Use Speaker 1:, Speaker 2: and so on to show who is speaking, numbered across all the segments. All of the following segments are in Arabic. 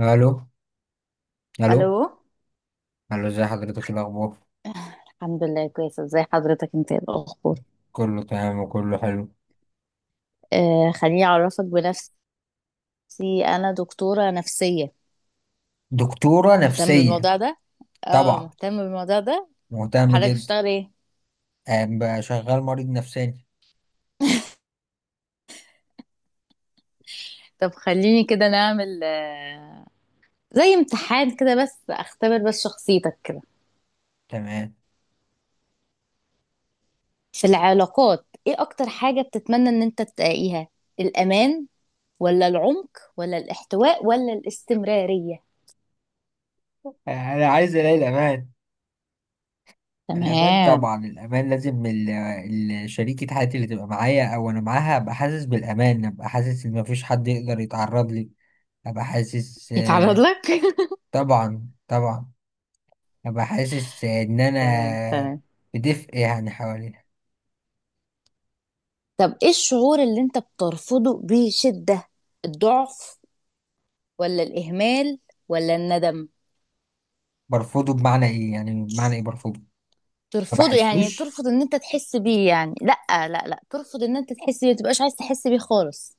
Speaker 1: الو،
Speaker 2: الو.
Speaker 1: الو، الو، ازي حضرتك الاخبار؟
Speaker 2: الحمد لله كويسه، ازي حضرتك؟ انت ايه الاخبار؟
Speaker 1: كله تمام وكله حلو.
Speaker 2: آه، خليني اعرفك بنفسي. انا دكتوره نفسيه.
Speaker 1: دكتوره
Speaker 2: مهتم
Speaker 1: نفسيه؟
Speaker 2: بالموضوع ده، اه
Speaker 1: طبعا
Speaker 2: مهتم بالموضوع ده.
Speaker 1: مهتم
Speaker 2: وحضرتك
Speaker 1: جدا.
Speaker 2: بتشتغل ايه؟
Speaker 1: بقى شغال مريض نفساني.
Speaker 2: طب خليني كده نعمل زي امتحان كده، بس اختبر بس شخصيتك كده.
Speaker 1: تمام.
Speaker 2: في العلاقات ايه اكتر حاجه بتتمنى ان انت تلاقيها؟ الامان، ولا العمق، ولا الاحتواء، ولا الاستمراريه؟
Speaker 1: انا عايز الاقي الامان. الامان
Speaker 2: تمام.
Speaker 1: طبعا الامان، لازم شريكة حياتي اللي تبقى معايا او انا معاها ابقى حاسس بالامان، ابقى حاسس ان مفيش حد يقدر يتعرض لي. ابقى حاسس
Speaker 2: يتعرض لك
Speaker 1: طبعا طبعا. ابقى حاسس ان
Speaker 2: تمام
Speaker 1: انا
Speaker 2: تمام.
Speaker 1: بدفء يعني حواليها.
Speaker 2: طب ايه الشعور اللي انت بترفضه بشدة؟ الضعف، ولا الإهمال، ولا الندم؟
Speaker 1: برفضه بمعنى ايه؟ يعني بمعنى ايه برفضه؟ ما
Speaker 2: ترفضه يعني
Speaker 1: بحسوش.
Speaker 2: ترفض ان انت تحس بيه، يعني لا. لا ترفض ان انت تحس بيه، متبقاش عايز تحس بيه خالص.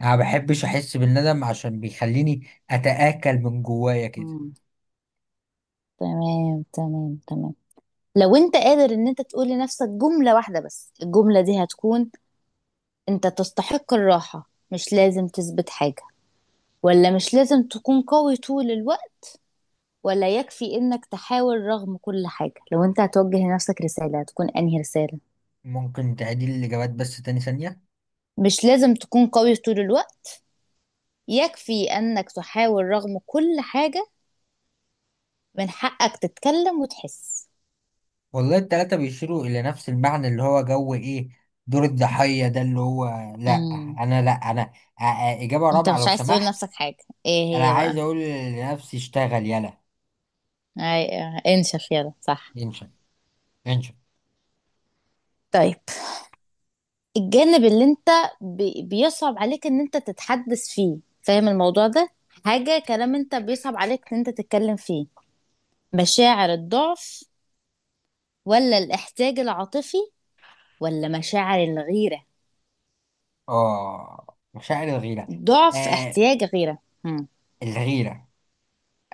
Speaker 1: انا ما بحبش احس بالندم عشان بيخليني اتآكل من جوايا كده.
Speaker 2: مم. تمام تمام تمام. لو انت قادر ان انت تقول لنفسك جملة واحدة، بس الجملة دي هتكون: انت تستحق الراحة، مش لازم تثبت حاجة؟ ولا مش لازم تكون قوي طول الوقت؟ ولا يكفي انك تحاول رغم كل حاجة؟ لو انت هتوجه لنفسك رسالة تكون انهي رسالة؟
Speaker 1: ممكن تعيد لي الاجابات بس تاني ثانية؟
Speaker 2: مش لازم تكون قوي طول الوقت. يكفي انك تحاول رغم كل حاجة. من حقك تتكلم وتحس.
Speaker 1: والله التلاتة بيشيروا الى نفس المعنى اللي هو جو ايه، دور الضحية ده اللي هو، لا
Speaker 2: امم.
Speaker 1: انا لا انا، اجابة
Speaker 2: انت
Speaker 1: رابعة لو
Speaker 2: مش عايز تقول
Speaker 1: سمحت.
Speaker 2: لنفسك حاجة؟ ايه
Speaker 1: انا
Speaker 2: هي
Speaker 1: عايز
Speaker 2: بقى؟
Speaker 1: اقول لنفسي اشتغل يلا.
Speaker 2: أي... انشف يلا، صح؟
Speaker 1: انشا، انشا.
Speaker 2: طيب. الجانب اللي انت بيصعب عليك ان انت تتحدث فيه، فاهم الموضوع ده؟ حاجة كلام انت بيصعب عليك ان انت تتكلم فيه. مشاعر الضعف، ولا الاحتياج العاطفي، ولا مشاعر الغيرة؟
Speaker 1: اه مشاعر الغيرة.
Speaker 2: ضعف،
Speaker 1: آه،
Speaker 2: احتياج، غيرة. هم.
Speaker 1: الغيرة.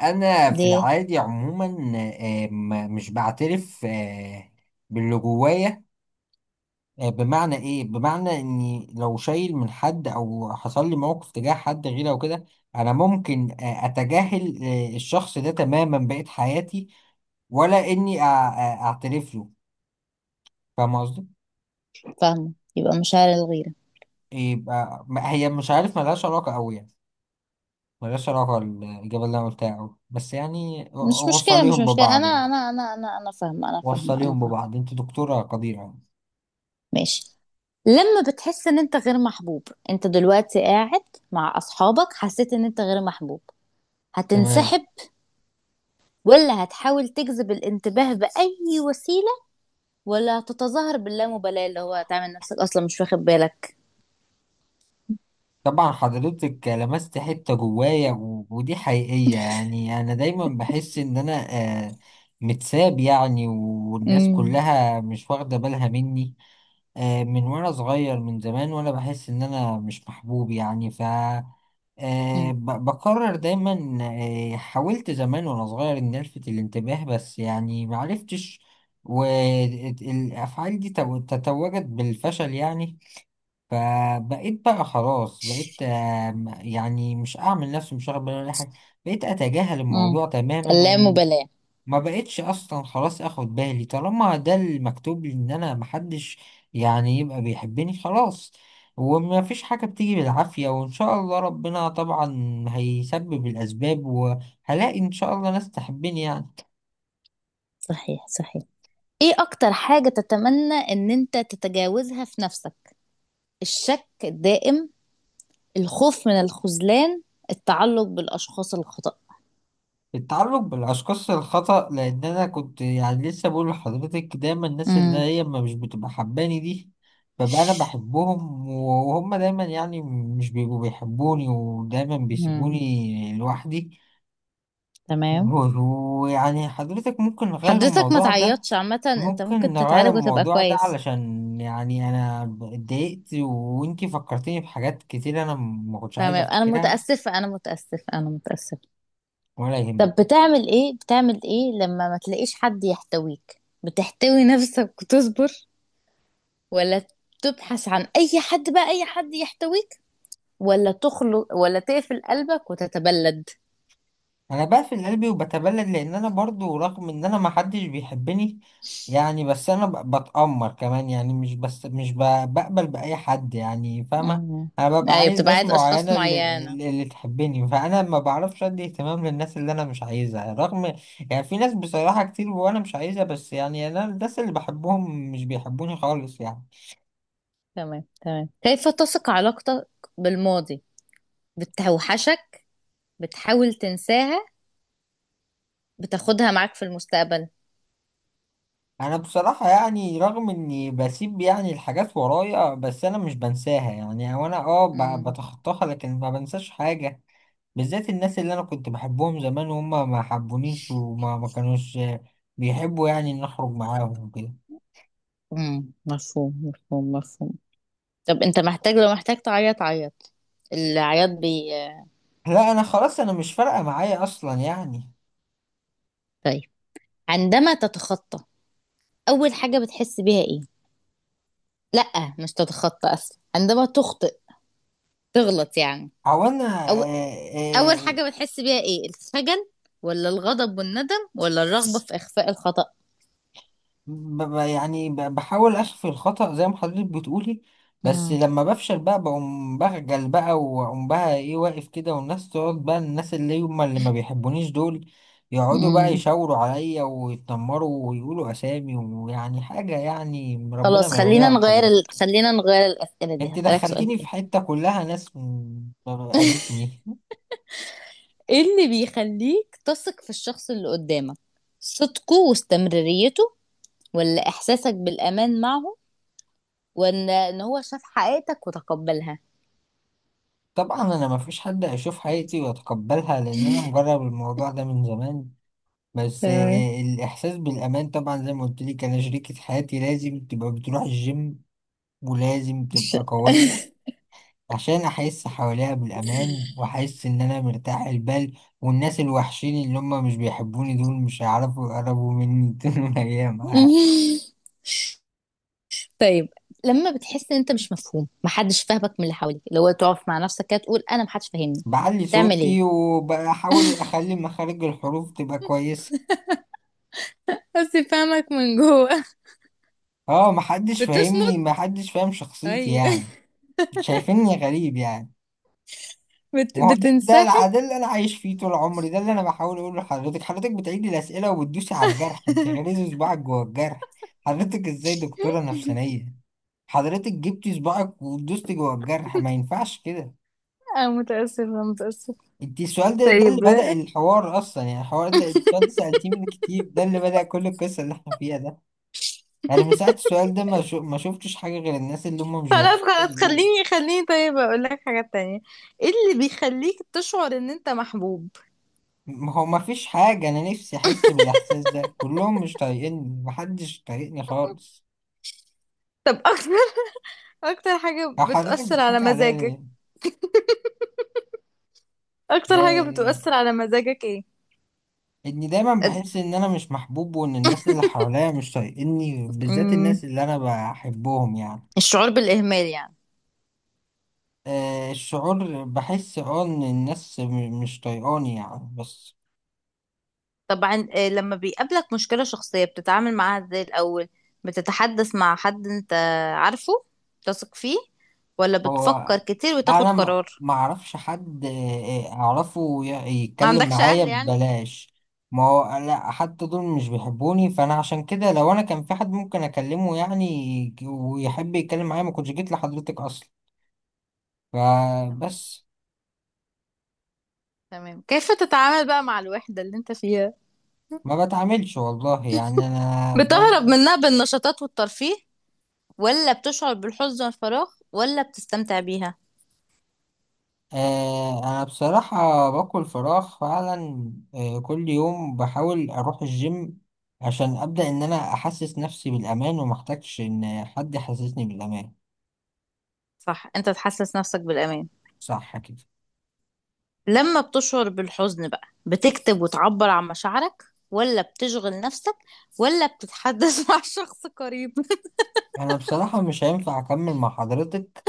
Speaker 1: انا في
Speaker 2: دي.
Speaker 1: العادي عموما، مش بعترف باللي جوايا. بمعنى ايه؟ بمعنى اني لو شايل من حد او حصل لي موقف تجاه حد غيره او كده، انا ممكن اتجاهل الشخص ده تماما بقية حياتي، ولا اني اعترف له. فاهم قصدي؟
Speaker 2: فاهمة، يبقى مشاعر الغيرة.
Speaker 1: يبقى هي مش عارف، ملهاش علاقة قوي يعني، ملهاش علاقة الإجابة اللي أنا قلتها أوي بس يعني.
Speaker 2: مش مشكلة، مش
Speaker 1: وصليهم
Speaker 2: مشكلة،
Speaker 1: ببعض
Speaker 2: أنا
Speaker 1: يعني،
Speaker 2: أنا أنا أنا أنا فاهمة، أنا فاهمة، أنا
Speaker 1: وصليهم
Speaker 2: فاهمة.
Speaker 1: ببعض، أنت دكتورة قديرة يعني.
Speaker 2: ماشي. لما بتحس إن أنت غير محبوب، أنت دلوقتي قاعد مع أصحابك، حسيت إن أنت غير محبوب،
Speaker 1: تمام.
Speaker 2: هتنسحب؟ ولا هتحاول تجذب الانتباه بأي وسيلة؟ ولا هتتظاهر باللامبالاة، اللي هو تعمل نفسك أصلا مش واخد بالك؟
Speaker 1: طبعا حضرتك لمست حتة جوايا ودي حقيقية، يعني أنا دايما بحس إن أنا آه، متساب يعني، والناس
Speaker 2: امم.
Speaker 1: كلها مش واخدة بالها مني. من وأنا صغير من زمان وأنا بحس إن أنا مش محبوب يعني، ف بقرر دايما. حاولت زمان وأنا صغير إن ألفت الانتباه بس يعني معرفتش، والأفعال دي تتوجت بالفشل يعني. فبقيت بقى خلاص، بقيت يعني مش اعمل نفسي مش واخد بالي ولا أي حاجه، بقيت اتجاهل
Speaker 2: امم.
Speaker 1: الموضوع تماما، وما
Speaker 2: اللامبالاة.
Speaker 1: بقيتش اصلا خلاص اخد بالي. طالما ده المكتوب لي ان انا محدش يعني يبقى بيحبني، خلاص. وما فيش حاجه بتيجي بالعافيه، وان شاء الله ربنا طبعا هيسبب الاسباب وهلاقي ان شاء الله ناس تحبني يعني.
Speaker 2: صحيح، صحيح. ايه اكتر حاجة تتمنى ان انت تتجاوزها في نفسك؟ الشك الدائم؟ الخوف من الخذلان؟ التعلق بالاشخاص الخطأ؟
Speaker 1: التعلق بالأشخاص الخطأ، لأن أنا كنت يعني لسه بقول لحضرتك دايما الناس اللي
Speaker 2: امم.
Speaker 1: هي ما مش بتبقى حباني دي ببقى أنا بحبهم، وهم دايما يعني مش بيبقوا بيحبوني ودايما
Speaker 2: امم.
Speaker 1: بيسيبوني لوحدي.
Speaker 2: تمام.
Speaker 1: و- ويعني حضرتك ممكن نغير
Speaker 2: حضرتك ما
Speaker 1: الموضوع ده؟
Speaker 2: تعيطش، عامة انت
Speaker 1: ممكن
Speaker 2: ممكن
Speaker 1: نغير
Speaker 2: تتعالج وتبقى
Speaker 1: الموضوع ده
Speaker 2: كويس.
Speaker 1: علشان يعني أنا اتضايقت، وإنتي فكرتيني بحاجات كتير أنا ما كنتش
Speaker 2: تمام،
Speaker 1: عايز
Speaker 2: انا
Speaker 1: أفتكرها.
Speaker 2: متأسفة، انا متأسفة، انا متأسفة.
Speaker 1: ولا يهمك.
Speaker 2: طب بتعمل ايه؟ بتعمل ايه لما ما تلاقيش حد يحتويك؟ بتحتوي نفسك وتصبر؟ ولا تبحث عن اي حد بقى، اي حد يحتويك؟ ولا تخلق، ولا تقفل قلبك وتتبلد؟
Speaker 1: انا بقفل قلبي وبتبلد، لان انا برضو رغم ان انا ما حدش بيحبني يعني، بس انا بتأمر كمان، يعني مش بس مش بقبل بأي حد يعني، فاهمة.
Speaker 2: مم.
Speaker 1: انا ببقى
Speaker 2: ايوه،
Speaker 1: عايز
Speaker 2: بتبقى
Speaker 1: ناس
Speaker 2: عايز اشخاص
Speaker 1: معينة
Speaker 2: معينة.
Speaker 1: اللي تحبني، فانا ما بعرفش ادي اهتمام للناس اللي انا مش عايزها رغم. يعني في ناس بصراحة كتير وانا مش عايزها، بس يعني انا الناس اللي بحبهم مش بيحبوني خالص يعني.
Speaker 2: تمام تمام. كيف تثق علاقتك بالماضي؟ بتوحشك؟ بتحاول تنساها؟ بتاخدها معاك في المستقبل؟
Speaker 1: انا بصراحة يعني رغم اني بسيب يعني الحاجات ورايا، بس انا مش بنساها يعني، او انا اه
Speaker 2: مم.
Speaker 1: بتخطاها لكن ما بنساش حاجة، بالذات الناس اللي انا كنت بحبهم زمان وهم ما حبونيش ما كانوش بيحبوا يعني ان اخرج معاهم وكده.
Speaker 2: مفهوم، مفهوم، مفهوم. طب انت محتاج، لو محتاج تعيط عيط. العياط بي.
Speaker 1: لا انا خلاص، انا مش فارقة معايا اصلا يعني.
Speaker 2: طيب. عندما تتخطى، اول حاجة بتحس بيها ايه؟ لا، مش تتخطى، اصلا عندما تخطئ، تغلط يعني،
Speaker 1: او انا
Speaker 2: اول حاجة بتحس بيها ايه؟ الخجل؟ ولا الغضب والندم؟ ولا الرغبة في اخفاء الخطأ؟
Speaker 1: بحاول اخفي الخطأ زي ما حضرتك بتقولي، بس
Speaker 2: مم.
Speaker 1: لما بفشل بقى بقوم بخجل بقى، واقوم بقى ايه، واقف كده، والناس تقعد بقى، الناس اللي هم اللي ما بيحبونيش دول يقعدوا بقى
Speaker 2: مم.
Speaker 1: يشاوروا عليا ويتنمروا ويقولوا اسامي ويعني حاجة يعني ربنا
Speaker 2: خلاص،
Speaker 1: ما يوريها لحضرتك.
Speaker 2: خلينا نغير الأسئلة دي،
Speaker 1: انت
Speaker 2: هسألك سؤال
Speaker 1: دخلتيني في
Speaker 2: تاني.
Speaker 1: حتة كلها ناس اذتني.
Speaker 2: ايه اللي بيخليك تثق في الشخص اللي قدامك؟ صدقه واستمراريته؟ ولا احساسك بالامان معه؟ ولا ان هو شاف حقيقتك وتقبلها؟
Speaker 1: طبعا انا ما فيش حد هيشوف حياتي ويتقبلها، لان انا مجرب الموضوع ده من زمان. بس
Speaker 2: تمام.
Speaker 1: الإحساس بالأمان طبعا زي ما قلت لك، أنا شريكة حياتي لازم تبقى بتروح الجيم، ولازم
Speaker 2: الش-
Speaker 1: تبقى قوية، عشان أحس حواليها بالأمان وأحس إن أنا مرتاح البال، والناس الوحشين اللي هم مش بيحبوني دول مش هيعرفوا يقربوا مني طول الأيام،
Speaker 2: طيب. لما بتحس ان انت مش مفهوم، محدش فاهمك من اللي حواليك، لو تقف مع نفسك كده تقول انا محدش فاهمني،
Speaker 1: بعلي
Speaker 2: تعمل
Speaker 1: صوتي
Speaker 2: ايه؟
Speaker 1: وبحاول أخلي مخارج الحروف تبقى كويسة.
Speaker 2: بس فاهمك من جوه.
Speaker 1: اه محدش فاهمني،
Speaker 2: بتصمت؟
Speaker 1: محدش فاهم شخصيتي
Speaker 2: ايوه.
Speaker 1: يعني، شايفيني غريب يعني. ما هو ده ده
Speaker 2: بتنسحب.
Speaker 1: ده اللي انا عايش فيه طول عمري، ده اللي انا بحاول اقوله لحضرتك، حضرتك بتعيدي الاسئله وبتدوسي على الجرح، بتغرزي صباعك جوه الجرح. حضرتك ازاي دكتوره نفسانيه؟ حضرتك جبتي صباعك ودوستي جوه الجرح، ما ينفعش كده.
Speaker 2: اه، متأسفة، متأسفة.
Speaker 1: انت السؤال ده ده اللي
Speaker 2: طيب
Speaker 1: بدأ الحوار اصلا، يعني الحوار ده السؤال ده سألتيه من كتير، ده اللي بدأ كل القصه اللي احنا فيها ده. يعني من ساعه السؤال ده ما شفتش حاجه غير الناس اللي هم مش
Speaker 2: خلاص، خلاص،
Speaker 1: بيحبوا.
Speaker 2: خليني، خليني. طيب اقول لك حاجة تانية: ايه اللي بيخليك تشعر ان انت محبوب؟
Speaker 1: ما هو ما فيش حاجة، أنا نفسي أحس بالإحساس ده، كلهم مش طايقيني، محدش طايقني خالص.
Speaker 2: طب اكتر، اكتر حاجة
Speaker 1: أو حضرتك
Speaker 2: بتؤثر على
Speaker 1: بتحكي عليا
Speaker 2: مزاجك؟
Speaker 1: ليه؟
Speaker 2: اكتر حاجة
Speaker 1: آه،
Speaker 2: بتؤثر على مزاجك ايه؟
Speaker 1: إني دايما
Speaker 2: أد-
Speaker 1: بحس إن أنا مش محبوب، وإن الناس اللي حواليا مش طايقيني بالذات
Speaker 2: مم،
Speaker 1: الناس اللي أنا بحبهم يعني.
Speaker 2: الشعور بالإهمال يعني.
Speaker 1: الشعور بحس أه إن الناس مش طايقاني يعني بس.
Speaker 2: طبعا آه، لما بيقابلك مشكلة شخصية بتتعامل معاها ازاي الأول؟ بتتحدث مع حد انت عارفه تثق فيه؟ ولا
Speaker 1: هو
Speaker 2: بتفكر كتير وتاخد
Speaker 1: انا ما
Speaker 2: قرار؟
Speaker 1: ما اعرفش حد اعرفه
Speaker 2: ما
Speaker 1: يتكلم
Speaker 2: عندكش
Speaker 1: معايا
Speaker 2: أهل يعني؟
Speaker 1: ببلاش. ما هو لا حتى دول مش بيحبوني، فانا عشان كده لو انا كان في حد ممكن اكلمه يعني ويحب يتكلم معايا ما كنتش جيت لحضرتك اصلا،
Speaker 2: تمام
Speaker 1: فبس.
Speaker 2: تمام. كيف تتعامل بقى مع الوحدة اللي انت فيها؟
Speaker 1: ما بتعاملش والله، يعني انا
Speaker 2: بتهرب
Speaker 1: بفضل
Speaker 2: منها بالنشاطات والترفيه؟ ولا بتشعر بالحزن والفراغ؟ ولا بتستمتع بيها؟
Speaker 1: أنا بصراحة باكل فراخ فعلا، كل يوم بحاول أروح الجيم، عشان أبدأ إن أنا أحسس نفسي بالأمان ومحتاجش إن حد يحسسني بالأمان.
Speaker 2: صح، انت تحسس نفسك بالأمان.
Speaker 1: صح كده.
Speaker 2: لما بتشعر بالحزن بقى، بتكتب وتعبر عن مشاعرك؟ ولا بتشغل نفسك؟ ولا بتتحدث مع شخص قريب؟
Speaker 1: أنا بصراحة مش هينفع أكمل مع حضرتك،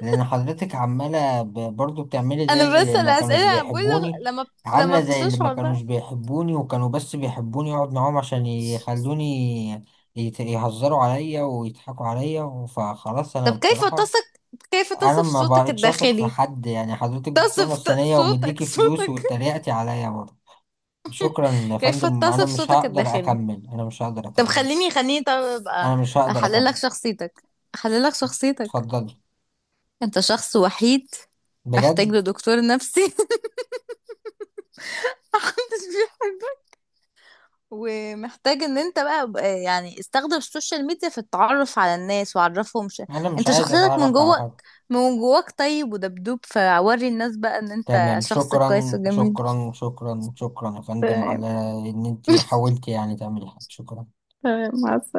Speaker 1: لأن حضرتك عمالة برضو بتعملي زي
Speaker 2: انا بس
Speaker 1: اللي ما كانوش
Speaker 2: الاسئله، بقول له
Speaker 1: بيحبوني،
Speaker 2: لما، لما
Speaker 1: عاملة زي اللي ما
Speaker 2: بتشعر
Speaker 1: كانوش
Speaker 2: بقى،
Speaker 1: بيحبوني، وكانوا بس بيحبوني أقعد معاهم عشان يخلوني يهزروا عليا ويضحكوا عليا، فخلاص
Speaker 2: طب
Speaker 1: أنا
Speaker 2: كيف
Speaker 1: بصراحة
Speaker 2: تصف، كيف
Speaker 1: انا
Speaker 2: تصف
Speaker 1: ما
Speaker 2: صوتك
Speaker 1: بقتش اثق في
Speaker 2: الداخلي؟
Speaker 1: حد يعني. حضرتك دكتور
Speaker 2: تصف ت-
Speaker 1: نفسانية
Speaker 2: صوتك،
Speaker 1: ومديكي فلوس
Speaker 2: صوتك.
Speaker 1: واتريقتي عليا برضه. شكرا يا
Speaker 2: كيف
Speaker 1: فندم،
Speaker 2: تصف صوتك الداخلي؟ طب خليني، خليني، طب ابقى
Speaker 1: انا مش هقدر
Speaker 2: احلل لك
Speaker 1: اكمل.
Speaker 2: شخصيتك، احلل لك شخصيتك.
Speaker 1: اتفضلي.
Speaker 2: انت شخص وحيد، محتاج
Speaker 1: بجد.
Speaker 2: لدكتور نفسي. محدش، ومحتاج ان انت بقى يعني استخدم السوشيال ميديا في التعرف على الناس وعرفهم
Speaker 1: انا مش
Speaker 2: انت
Speaker 1: عايز
Speaker 2: شخصيتك من
Speaker 1: اتعرف على
Speaker 2: جواك،
Speaker 1: حد.
Speaker 2: من جواك. طيب، ودبدوب فوري الناس بقى ان انت
Speaker 1: تمام،
Speaker 2: شخص كويس وجميل.
Speaker 1: شكرا يا فندم
Speaker 2: تمام،
Speaker 1: على ان انتي حاولتي يعني تعملي حاجة، شكرا.
Speaker 2: تمام مع